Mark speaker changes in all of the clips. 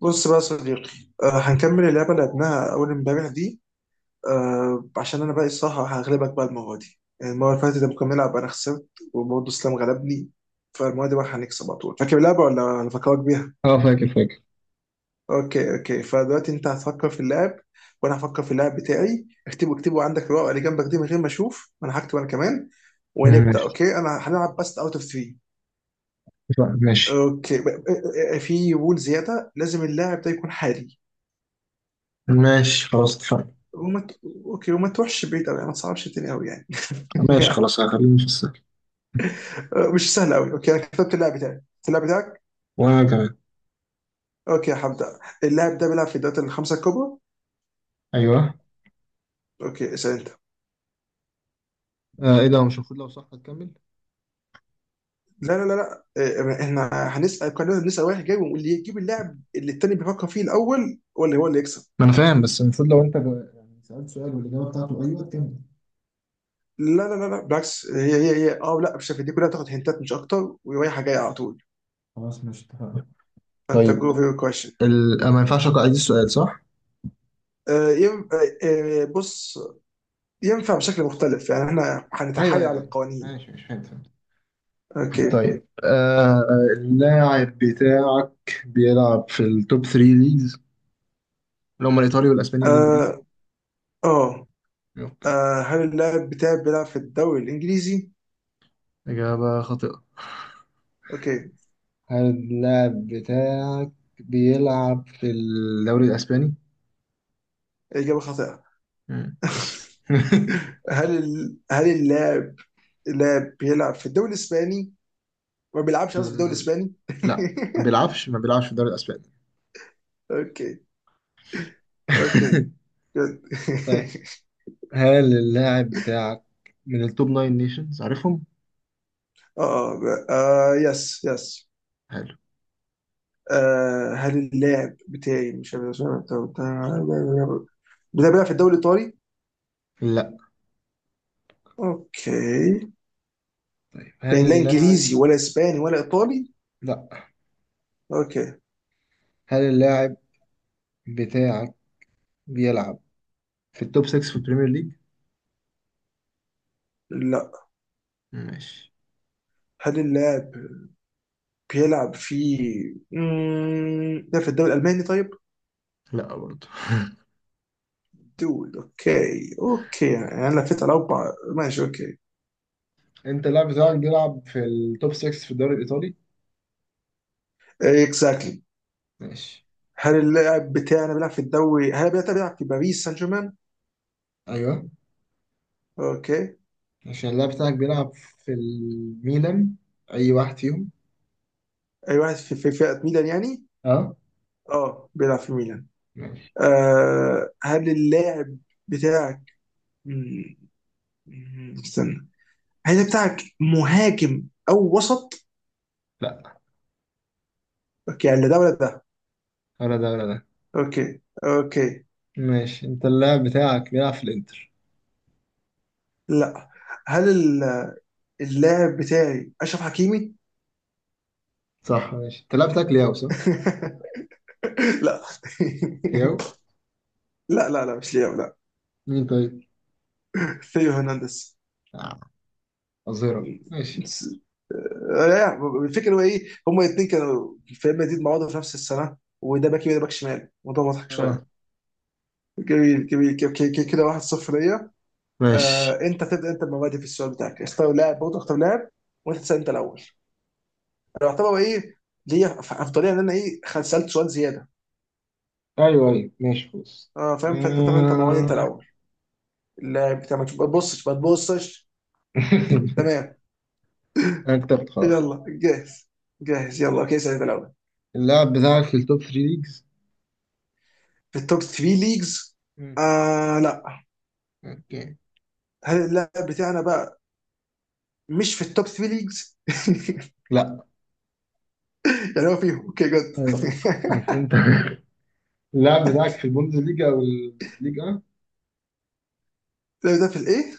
Speaker 1: بص بقى يا صديقي. آه، هنكمل اللعبة اللي لعبناها أول امبارح دي. آه، عشان أنا بقى الصراحة هغلبك بقى المرة دي. يعني المرة اللي فاتت لما كنا بنلعب أنا خسرت، وبرضه إسلام غلبني. فالمرة دي بقى هنكسب على طول. فاكر اللعبة ولا هنفكرك بيها؟
Speaker 2: اه، فاكر فاكر.
Speaker 1: أوكي أوكي، فدلوقتي أنت هتفكر في اللعب وأنا هفكر في اللعب بتاعي. اكتبه عندك الورقة اللي جنبك دي من غير ما أشوف، وأنا هكتب أنا كمان، ونبدأ.
Speaker 2: ماشي.
Speaker 1: أوكي، أنا هنلعب بس أوت أوف 3.
Speaker 2: لا، ماشي.
Speaker 1: أوكي في رول زيادة، لازم اللاعب ده يكون حالي.
Speaker 2: ماشي خلاص، اتفقنا.
Speaker 1: وما ت... اوكي، وما تروحش بعيد قوي، ما تصعبش الدنيا قوي يعني.
Speaker 2: ماشي خلاص، هخليني في السهل.
Speaker 1: مش سهل قوي. اوكي انا كتبت اللاعب بتاعي. اللاعب بتاعك؟
Speaker 2: وانا كمان.
Speaker 1: اوكي هبدا. اللاعب ده بيلعب في الدوري الخمسه الكبرى.
Speaker 2: ايوه.
Speaker 1: اوكي اسال انت.
Speaker 2: آه، ايه ده؟ هو مش المفروض لو صح هتكمل.
Speaker 1: لا لا لا لا إيه، احنا هنسال، كلنا بنسال واحد جاي، واللي يجيب اللاعب اللي التاني بيفكر فيه الاول ولا هو اللي يكسب.
Speaker 2: ما انا فاهم، بس المفروض لو انت يعني سألت سؤال والاجابه بتاعته ايوه تكمل.
Speaker 1: لا لا لا لا بالعكس، هي اه لا مش عارف، دي كلها تاخد هنتات مش اكتر ورايحه جايه على طول.
Speaker 2: خلاص ماشي اتفقنا.
Speaker 1: فانت
Speaker 2: طيب،
Speaker 1: جو فيور كويشن.
Speaker 2: ما ينفعش اقرا عيد السؤال صح؟
Speaker 1: بص، ينفع بشكل مختلف، يعني احنا
Speaker 2: ايوه
Speaker 1: هنتحايل
Speaker 2: ايوه
Speaker 1: على
Speaker 2: ايوه.
Speaker 1: القوانين.
Speaker 2: ماشي ماشي، فهمت فهمت.
Speaker 1: اوكي.
Speaker 2: طيب، اللاعب بتاعك بيلعب في التوب 3 ليجز، اللي هم الايطالي والاسباني والانجليزي.
Speaker 1: آه آه
Speaker 2: اوكي.
Speaker 1: آه، هل اللاعب بتاعي بيلعب في الدوري الإنجليزي؟
Speaker 2: اجابه خاطئه.
Speaker 1: أوكي.
Speaker 2: هل اللاعب بتاعك بيلعب في الدوري الأسباني؟
Speaker 1: إجابة خاطئة.
Speaker 2: مم، ماشي.
Speaker 1: هل اللاعب بيلعب في الدوري الإسباني؟ ما بيلعبش قصدي في الدوري
Speaker 2: آه،
Speaker 1: الإسباني؟
Speaker 2: لا، ما بيلعبش ما بيلعبش في الدوري الأسباني.
Speaker 1: أوكي أوكي. جود
Speaker 2: طيب، هل اللاعب بتاعك من التوب ناين نيشنز عارفهم؟
Speaker 1: آه آه آه، يس يس.
Speaker 2: حلو.
Speaker 1: آه هل اللاعب بتاعي، مش عارف اسمه، بتاعي بيلعب في الدوري الإيطالي؟
Speaker 2: لا.
Speaker 1: أوكي،
Speaker 2: طيب
Speaker 1: يعني
Speaker 2: هل
Speaker 1: لا
Speaker 2: اللاعب.
Speaker 1: إنجليزي ولا إسباني ولا إيطالي؟
Speaker 2: لا،
Speaker 1: أوكي.
Speaker 2: هل اللاعب بتاعك بيلعب في التوب 6 في البريمير ليج؟
Speaker 1: لا
Speaker 2: ماشي.
Speaker 1: هل اللاعب بيلعب في مم، ده في الدوري الألماني طيب؟
Speaker 2: لا برضه.
Speaker 1: دول اوكي اوكي، يعني انا لفيت على اربع، ماشي اوكي.
Speaker 2: انت اللاعب بتاعك بيلعب في التوب 6 في الدوري الإيطالي؟
Speaker 1: اكزاكتلي.
Speaker 2: ماشي.
Speaker 1: هل اللاعب بتاعنا بيلعب في الدوري، هل بيلعب في باريس سان جيرمان؟
Speaker 2: ايوه،
Speaker 1: اوكي.
Speaker 2: عشان اللاعب بتاعك بيلعب في الميلان، أي واحد فيهم.
Speaker 1: اي واحد في في فئة ميلان يعني؟
Speaker 2: أه.
Speaker 1: اه بيلعب في ميلان.
Speaker 2: ماشي.
Speaker 1: آه هل اللاعب بتاعك، مم، استنى. هل اللاعب بتاعك مهاجم او وسط؟
Speaker 2: لأ،
Speaker 1: اوكي، يعني لا ده ولا ده.
Speaker 2: ولا ده ولا ده.
Speaker 1: اوكي اوكي.
Speaker 2: ماشي، أنت اللاعب بتاعك بيلعب في الإنتر.
Speaker 1: لا. هل اللاعب بتاعي اشرف حكيمي؟
Speaker 2: صح. ماشي، أنت اللاعب بتاعك لياو صح؟
Speaker 1: لا
Speaker 2: لياو.
Speaker 1: لا لا لا مش لياو لا.
Speaker 2: مين طيب؟
Speaker 1: ثيو هرنانديز.
Speaker 2: آه. أظهرة، ماشي.
Speaker 1: لا. الفكره هو ايه، هما الاثنين كانوا في ريال مدريد مع بعض في نفس السنه، وده باك يمين وده باك شمال. الموضوع مضحك
Speaker 2: أه.
Speaker 1: شويه. جميل جميل، كده 1-0 ليا. آه
Speaker 2: ماشي.
Speaker 1: انت تبدا انت بمبادئ في السؤال بتاعك، اختار لاعب برضه اختار لاعب وانت تسال انت الاول. انا اعتبر ايه، ليا افضليه ان انا ايه، سالت سؤال زياده.
Speaker 2: أيوه أيوه، ماشي خلاص.
Speaker 1: اه فاهم، فانت تاخد انت مواد انت
Speaker 2: آه.
Speaker 1: الاول. اللاعب بتاع، ما تبقى- تبصش ما تبصش. تمام.
Speaker 2: أنا كتبت خلاص يعني.
Speaker 1: يلا جاهز؟ جاهز يلا. اوكي سعيد الاول.
Speaker 2: اللاعب بتاعك في التوب 3 ليجز.
Speaker 1: في التوب 3 ليجز؟
Speaker 2: مم.
Speaker 1: آه لا.
Speaker 2: أوكي.
Speaker 1: هل اللاعب بتاعنا بقى مش في التوب 3 ليجز؟
Speaker 2: لأ.
Speaker 1: يعني هو فيهم، اوكي جد
Speaker 2: أيوه. ماشي أنت. اللاعب بتاعك في البوندس ليجا أو الليجا،
Speaker 1: اللاعب ده في الايه؟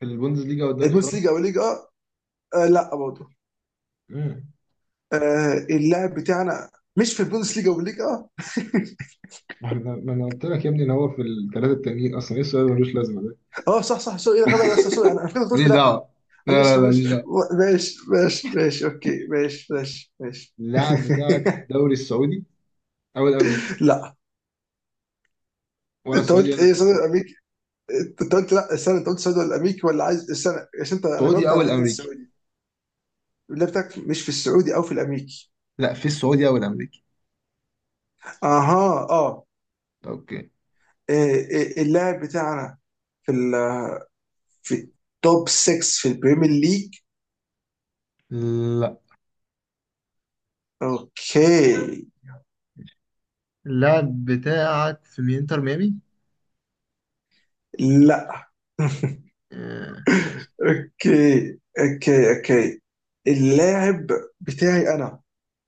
Speaker 2: في البوندسليجا والدوري
Speaker 1: البوندس
Speaker 2: الفرنسي.
Speaker 1: ليجا او ليجا؟ آه لا برضه.
Speaker 2: امم
Speaker 1: آه اللاعب بتاعنا مش في البوندس ليجا او ليجا اه؟
Speaker 2: ما انا قلت لك يا ابني ان هو في الثلاثه التانيين اصلا، ايه السؤال اللي ملوش لازمه ده؟
Speaker 1: آه، صح صح سوري، ايه الغباء ده، سوري انا فكرت قلت
Speaker 2: ماليش
Speaker 1: لا آه.
Speaker 2: دعوه. لا لا
Speaker 1: معلش
Speaker 2: لا، ماليش
Speaker 1: معلش.
Speaker 2: دعوه.
Speaker 1: ماشي ماشي ماشي اوكي ماشي ماشي ماشي
Speaker 2: اللاعب بتاعك في الدوري السعودي او الامريكي.
Speaker 1: لا.
Speaker 2: ولا
Speaker 1: انت
Speaker 2: السعودي
Speaker 1: قلت
Speaker 2: ولا
Speaker 1: ايه
Speaker 2: الأمريكي.
Speaker 1: سوري؟ انت قلت لا، استنى، انت قلت السعودي ولا الامريكي ولا عايز، استنى عشان انت، انا
Speaker 2: السعودي
Speaker 1: جاوبت
Speaker 2: او
Speaker 1: على حته
Speaker 2: الامريكي.
Speaker 1: السعودي. اللاعب بتاعك مش في السعودي او في الامريكي؟
Speaker 2: لا، في السعودي او الامريكي.
Speaker 1: اها اه.
Speaker 2: اوكي.
Speaker 1: إيه، إيه، اللاعب بتاعنا في ال في توب 6 في البريمير ليج؟
Speaker 2: لا،
Speaker 1: اوكي.
Speaker 2: اللاعب بتاعك في انتر ميامي.
Speaker 1: لا
Speaker 2: آه، ماشي.
Speaker 1: اوكي اوكي اوكي. اللاعب بتاعي انا،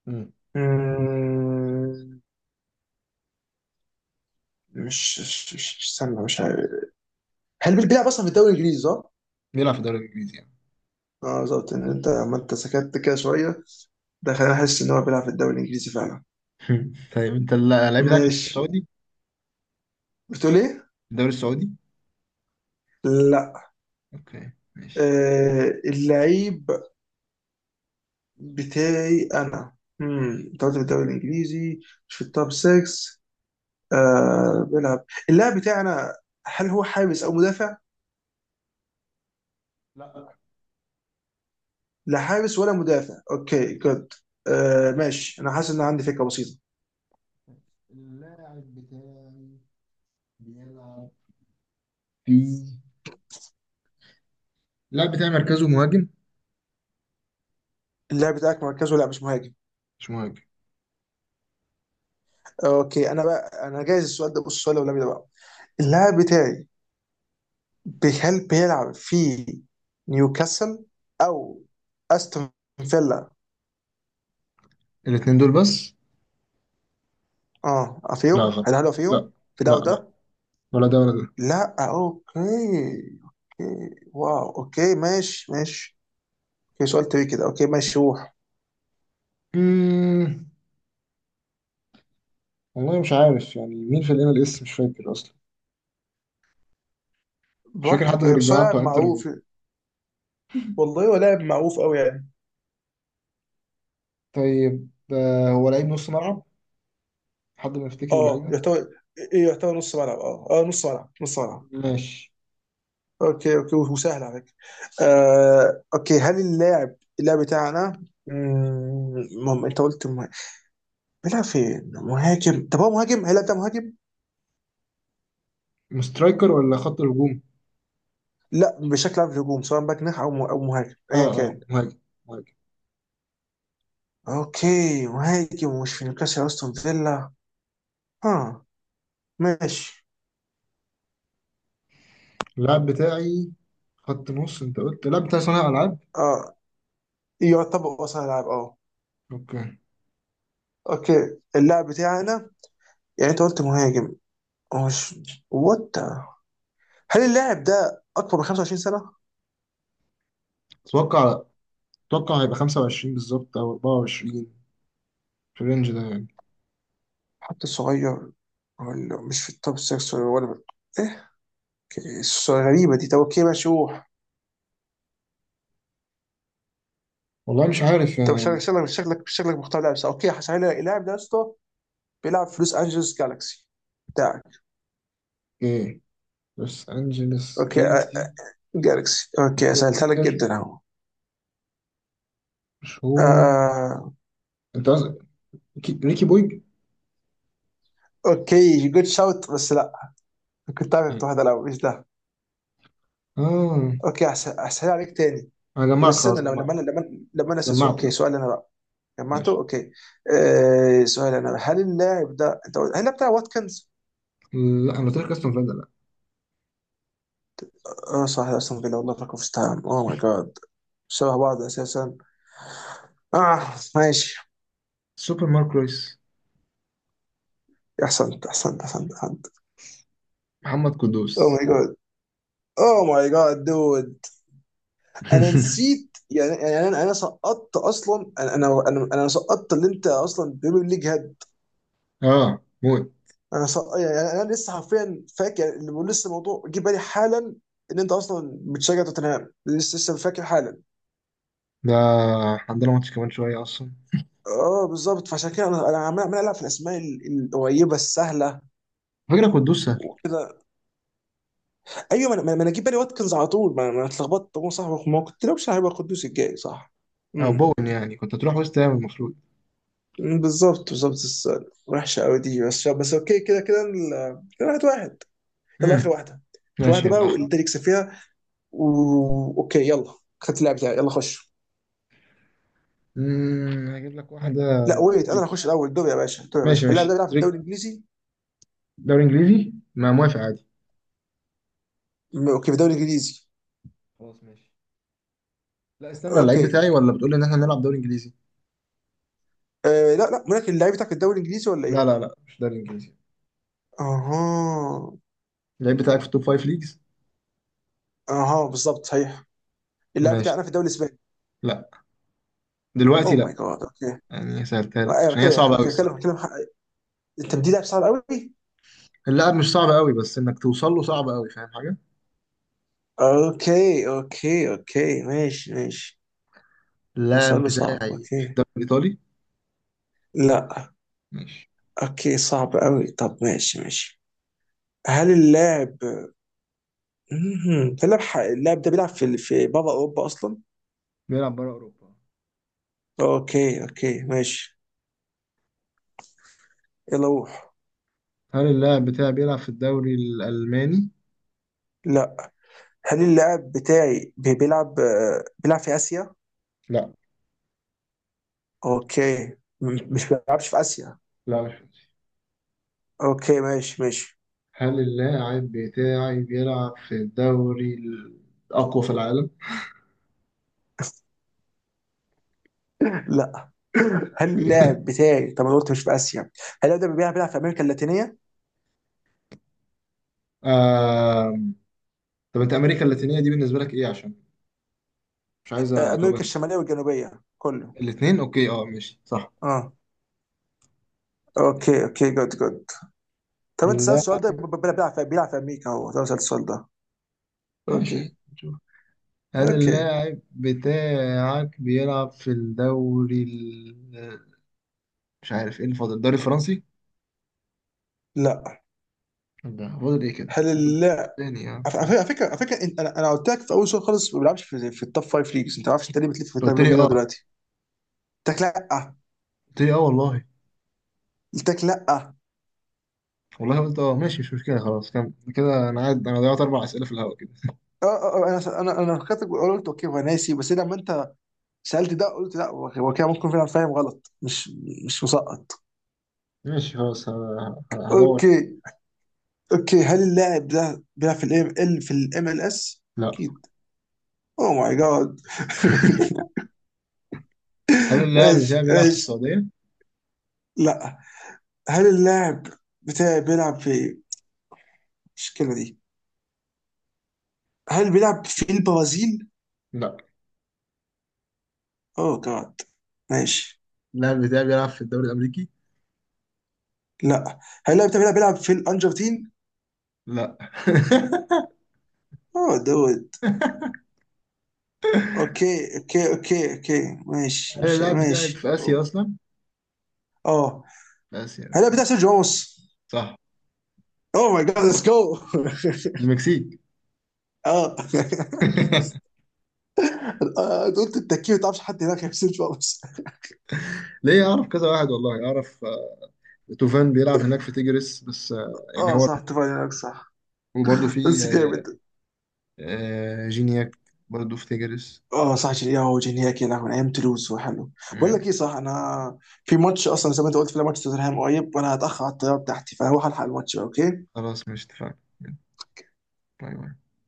Speaker 2: امم.
Speaker 1: مم، استنى، مش عارف. هل بيلعب اصلا في الدوري الانجليزي صح؟
Speaker 2: بيلعب في الدوري الانجليزي يعني.
Speaker 1: اه بالظبط، ان انت لما انت سكت كده شويه، ده خلاني احس ان هو بيلعب في الدوري الانجليزي فعلا.
Speaker 2: طيب انت اللاعب بتاعك في الدوري
Speaker 1: ماشي.
Speaker 2: السعودي.
Speaker 1: بتقول ايه؟
Speaker 2: الدوري السعودي.
Speaker 1: لا.
Speaker 2: اوكي ماشي.
Speaker 1: آه اللعيب بتاعي انا، انت قلت في الدوري الانجليزي مش في التوب 6، آه بيلعب. اللاعب بتاعي انا، هل هو حارس او مدافع؟ لا حارس ولا مدافع، اوكي جود. آه ماشي، انا حاسس
Speaker 2: لا،
Speaker 1: ان عندي فكره بسيطه.
Speaker 2: اللاعب بتاعي بيلعب في اللاعب بتاعي مركزه مهاجم.
Speaker 1: اللاعب بتاعك مركزه لا مش مهاجم؟
Speaker 2: مش مهاجم.
Speaker 1: اوكي انا بقى انا جايز السؤال ده، بص السؤال الاولاني ده بقى. اللاعب بتاعي بيلعب في نيوكاسل او استون فيلا؟
Speaker 2: الاتنين دول بس.
Speaker 1: اه
Speaker 2: لا،
Speaker 1: فيهم،
Speaker 2: غلط.
Speaker 1: هل هل
Speaker 2: لا
Speaker 1: فيهم في
Speaker 2: لا
Speaker 1: ده
Speaker 2: لا،
Speaker 1: وده؟
Speaker 2: ولا ده ولا ده.
Speaker 1: لا اوكي. اوكي واو اوكي ماشي ماشي. اوكي سؤال تري كده، اوكي ماشي روح.
Speaker 2: مم. والله مش عارف يعني مين في الMLS، مش فاكر اصلا. مش فاكر حد
Speaker 1: براحتك
Speaker 2: غير
Speaker 1: يعني، بس هو
Speaker 2: الجماعه
Speaker 1: لاعب
Speaker 2: بتوع انتر ميامي.
Speaker 1: معروف. والله هو لاعب معروف قوي يعني.
Speaker 2: طيب، هو لعيب نص ملعب، حد ما يفتكر
Speaker 1: اه
Speaker 2: اللعيبه.
Speaker 1: يعتبر ايه، يعتبر نص ملعب. اه اه، نص ملعب.
Speaker 2: ماشي.
Speaker 1: اوكي اوكي، وسهل على فكره. آه اوكي، هل اللاعب بتاعنا، انت قلت بيلعب فين؟ مهاجم؟ طب هو مهاجم؟ هيلعب ده مهاجم؟
Speaker 2: مسترايكر ولا خط هجوم.
Speaker 1: لا بشكل عام في الهجوم، سواء باك جناح او او مهاجم ايا
Speaker 2: اه اه،
Speaker 1: كان.
Speaker 2: مهاجم مهاجم.
Speaker 1: اوكي مهاجم، ومش في نيوكاسل استون فيلا. ها ماشي.
Speaker 2: اللاعب بتاعي خط نص، انت قلت اللاعب بتاعي صانع العاب.
Speaker 1: اه يعتبر اصلا لاعب اه.
Speaker 2: اوكي.
Speaker 1: اوكي اللاعب بتاعنا، يعني انت قلت مهاجم، هو مش، وات، هل اللاعب ده اكبر من 25 سنه؟
Speaker 2: اتوقع اتوقع هيبقى 25 بالظبط او 24، في الرينج ده يعني.
Speaker 1: حتى صغير، ولا مش في التوب 6 ولا ايه؟ اوكي، الصورة غريبه دي. طب اوكي ماشي روح.
Speaker 2: والله مش عارف.
Speaker 1: انت مش شكلك، شكلك مش شكلك مختار لاعب صح. اوكي هسهل، اللاعب ده يا اسطى بيلعب في لوس انجلوس جالكسي بتاعك؟
Speaker 2: ايه. لوس انجلس
Speaker 1: اوكي آه،
Speaker 2: جالكسي.
Speaker 1: جالكسي، اوكي
Speaker 2: بلاي
Speaker 1: سهلتها لك
Speaker 2: ميكر
Speaker 1: جدا اهو. آه،
Speaker 2: مشهور.
Speaker 1: آه،
Speaker 2: انت قصدك ريكي بويج.
Speaker 1: اوكي جود شوت بس لا. كنت عارف، كنت واحد الاول، ايش ده.
Speaker 2: اه،
Speaker 1: اوكي احسن عليك تاني.
Speaker 2: انا
Speaker 1: بس
Speaker 2: جمعت
Speaker 1: استنى
Speaker 2: خلاص،
Speaker 1: لما
Speaker 2: جمعت
Speaker 1: لما انا لما لما انا
Speaker 2: جمعت.
Speaker 1: اوكي سؤال انا بقى. جمعته
Speaker 2: ماشي.
Speaker 1: اوكي. آه سؤال انا بقى. هل اللاعب ده انت قلت، هل اللاعب بتاع واتكنز؟
Speaker 2: لا، انا قلت لك استون فيلا، لا.
Speaker 1: اه صح اصلا فيلا، والله فاكر في تايم، اوه ماي جاد. شبه بعض اساسا. اه ماشي.
Speaker 2: سوبر مارك رويس.
Speaker 1: احسنت احسنت.
Speaker 2: محمد
Speaker 1: اوه
Speaker 2: قدوس.
Speaker 1: ماي جاد، اوه ماي جاد دود. انا نسيت يعني، يعني انا سقطت اصلا، أنا سقطت، اللي انت اصلا بريمير ليج هاد.
Speaker 2: اه، موت.
Speaker 1: انا سقط، يعني انا أنا لسه حرفيا فاكر، يعني اللي بقول لسه الموضوع جه بالي حالا. ان انت اصلا بتشجع توتنهام، لسه لسه فاكر حالا.
Speaker 2: ده عندنا ماتش كمان شويه اصلا.
Speaker 1: اه بالظبط، فعشان كده انا عمال العب في الاسماء القريبه السهله
Speaker 2: فكره قدوس سهل.
Speaker 1: وكده. ايوه، ما انا ما أنا جه بالي واتكنز على طول، ما أنا اتلخبطت هو صح، ما كنت لو مش هيبقى قدوس الجاي صح.
Speaker 2: او
Speaker 1: امم.
Speaker 2: بون يعني، كنت هتروح وسط هام المفروض.
Speaker 1: بالظبط بالظبط بس. وحشه قوي دي بس بس. اوكي كده كده كده واحد واحد. يلا اخر
Speaker 2: امم.
Speaker 1: واحده. اخر
Speaker 2: ماشي،
Speaker 1: واحده بقى
Speaker 2: يلا اخر.
Speaker 1: واللي يكسب فيها و... اوكي يلا، خدت اللاعب بتاعي، يلا خش.
Speaker 2: هجيب لك واحدة.
Speaker 1: لا ويت، انا اللي
Speaker 2: تريكي.
Speaker 1: هخش الاول، دوري يا باشا دوري يا
Speaker 2: ماشي
Speaker 1: باشا. اللاعب ده
Speaker 2: ماشي،
Speaker 1: بيلعب في الدوري
Speaker 2: تريكي.
Speaker 1: الانجليزي.
Speaker 2: دوري انجليزي، ما موافق عادي.
Speaker 1: اوكي، في الدوري الانجليزي.
Speaker 2: خلاص ماشي. لا استنى، اللعيب
Speaker 1: اوكي
Speaker 2: بتاعي ولا بتقول لي ان احنا نلعب دوري انجليزي.
Speaker 1: آه لا لا، ولكن اللاعب بتاعك في الدوري الانجليزي ولا
Speaker 2: لا
Speaker 1: ايه؟
Speaker 2: لا لا، مش دوري انجليزي.
Speaker 1: اها.
Speaker 2: اللعيب بتاعك في التوب فايف ليجز.
Speaker 1: اها بالظبط صحيح. اللاعب
Speaker 2: ماشي.
Speaker 1: بتاعنا في الدوري الاسباني؟
Speaker 2: لا دلوقتي،
Speaker 1: اوه
Speaker 2: لا.
Speaker 1: ماي جاد اوكي.
Speaker 2: يعني سهلتها
Speaker 1: آه،
Speaker 2: لك
Speaker 1: ايوه
Speaker 2: عشان هي
Speaker 1: بتكلم
Speaker 2: صعبة قوي
Speaker 1: بتكلم
Speaker 2: الصراحة.
Speaker 1: بتكلم انت بدي لاعب صعب قوي.
Speaker 2: اللاعب مش صعب قوي، بس انك توصل له صعب قوي. فاهم حاجة؟
Speaker 1: اوكي اوكي اوكي ماشي ماشي. اوصل
Speaker 2: اللاعب
Speaker 1: له صعب
Speaker 2: بتاعي
Speaker 1: اوكي.
Speaker 2: في الدوري الايطالي.
Speaker 1: لا.
Speaker 2: ماشي.
Speaker 1: اوكي صعب قوي، طب ماشي ماشي. هل اللاعب، مهم. اللاعب اللاعب ده بيلعب في في بابا اوروبا اصلا؟
Speaker 2: بيلعب بره اوروبا.
Speaker 1: اوكي اوكي ماشي. يلا روح.
Speaker 2: هل اللاعب بتاعي بيلعب في الدوري الالماني؟
Speaker 1: لا. هل اللاعب بتاعي بيلعب آه، بيلعب في اسيا؟
Speaker 2: لا.
Speaker 1: اوكي، مش بيلعبش في اسيا.
Speaker 2: لا مش.
Speaker 1: اوكي ماشي ماشي
Speaker 2: هل اللاعب بتاعي بيلعب في الدوري الأقوى في العالم؟
Speaker 1: لا. هل اللاعب بتاعي، طب انا قلت مش في اسيا، هل اللاعب ده بيلعب في امريكا اللاتينيه؟
Speaker 2: آم... طب أنت أمريكا اللاتينية دي بالنسبة لك إيه؟ عشان مش عايز
Speaker 1: آه، امريكا
Speaker 2: أتوهك.
Speaker 1: الشماليه والجنوبيه كله.
Speaker 2: الاتنين. أوكي، أه ماشي صح.
Speaker 1: اه.
Speaker 2: ماشي.
Speaker 1: اوكي اوكي جود جود. طب انت سالت
Speaker 2: لا
Speaker 1: السؤال ده، بيلعب في بيلعب في امريكا، هو ده سالت السؤال ده؟ اوكي.
Speaker 2: ماشي، نشوف. هل
Speaker 1: اوكي
Speaker 2: اللاعب بتاعك بيلعب في الدوري مش عارف إيه اللي فاضل، الدوري الفرنسي؟
Speaker 1: لا
Speaker 2: لا. فاضل إيه كده؟
Speaker 1: هل
Speaker 2: فاضل
Speaker 1: اللاعب،
Speaker 2: تاني يعني.
Speaker 1: على فكره،
Speaker 2: ماشي.
Speaker 1: على فكرة انا قلت لك في اول سؤال خالص ما بيلعبش في، في التوب فايف ليجز، انت ما عارفش انت ليه بتلف في التوب
Speaker 2: قلت
Speaker 1: فايف
Speaker 2: لي
Speaker 1: ليجز لغاية
Speaker 2: أه.
Speaker 1: دلوقتي. قلت لك لا.
Speaker 2: قلت لي أه والله.
Speaker 1: قلت لك لا اه.
Speaker 2: والله قلت أه. ماشي، مش مشكلة. خلاص كم كده، أنا ضيعت أربع أسئلة في الهواء كده.
Speaker 1: اه أه، انا انا فكرت قلت اوكي هو ناسي، بس لما انت سالت ده قلت لا، هو هو كده ممكن فعلا فاهم غلط، مش مش مسقط.
Speaker 2: ماشي خلاص. هدور.
Speaker 1: اوكي اوكي. هل اللاعب ده بيلعب في الام ال، في الام ال اس؟
Speaker 2: لا.
Speaker 1: اكيد. اوه ماي جاد
Speaker 2: هل اللاعب
Speaker 1: ماشي
Speaker 2: بتاعي بيلعب في
Speaker 1: ماشي.
Speaker 2: السعودية؟
Speaker 1: لا. هل اللاعب بتاعي بيلعب في، مش الكلمه دي، هل بيلعب في البرازيل؟
Speaker 2: لا،
Speaker 1: اوه جاد. ماشي.
Speaker 2: اللاعب بتاعي بيلعب في الدوري الأمريكي؟
Speaker 1: لا. هل بيلعب في الارجنتين؟
Speaker 2: لا.
Speaker 1: اوه دود. اوكي اوكي اوكي اوكي ماشي
Speaker 2: هل
Speaker 1: ماشي
Speaker 2: اللاعب بتاعي
Speaker 1: ماشي.
Speaker 2: في آسيا أصلا؟
Speaker 1: اه.
Speaker 2: في آسيا
Speaker 1: هل بتاع
Speaker 2: أوكي.
Speaker 1: سيرجيو راموس؟
Speaker 2: صح.
Speaker 1: اوه ماي جاد ليتس جو
Speaker 2: في المكسيك.
Speaker 1: اه. آه، انت قلت التكيه ما تعرفش حد هناك غير سيرجيو راموس.
Speaker 2: ليه، أعرف كذا واحد والله، أعرف. توفان بيلعب هناك في تيجرس بس. يعني
Speaker 1: اه
Speaker 2: هو.
Speaker 1: صح اتفقنا هناك صح.
Speaker 2: وبرضه في
Speaker 1: بس
Speaker 2: آه،
Speaker 1: جامد.
Speaker 2: جينياك برضه في تيجرس.
Speaker 1: اه صح جيلياو وجينياك، يا لهوي، من ايام تولوز، وحلو. بقول
Speaker 2: مم،
Speaker 1: لك ايه صح، انا في ماتش اصلا، زي ما انت قلت في ماتش توتنهام قريب، وانا هتاخر على الطياره بتاعتي، فهروح الحق الماتش بقى اوكي.
Speaker 2: خلاص مش اتفقنا. باي باي.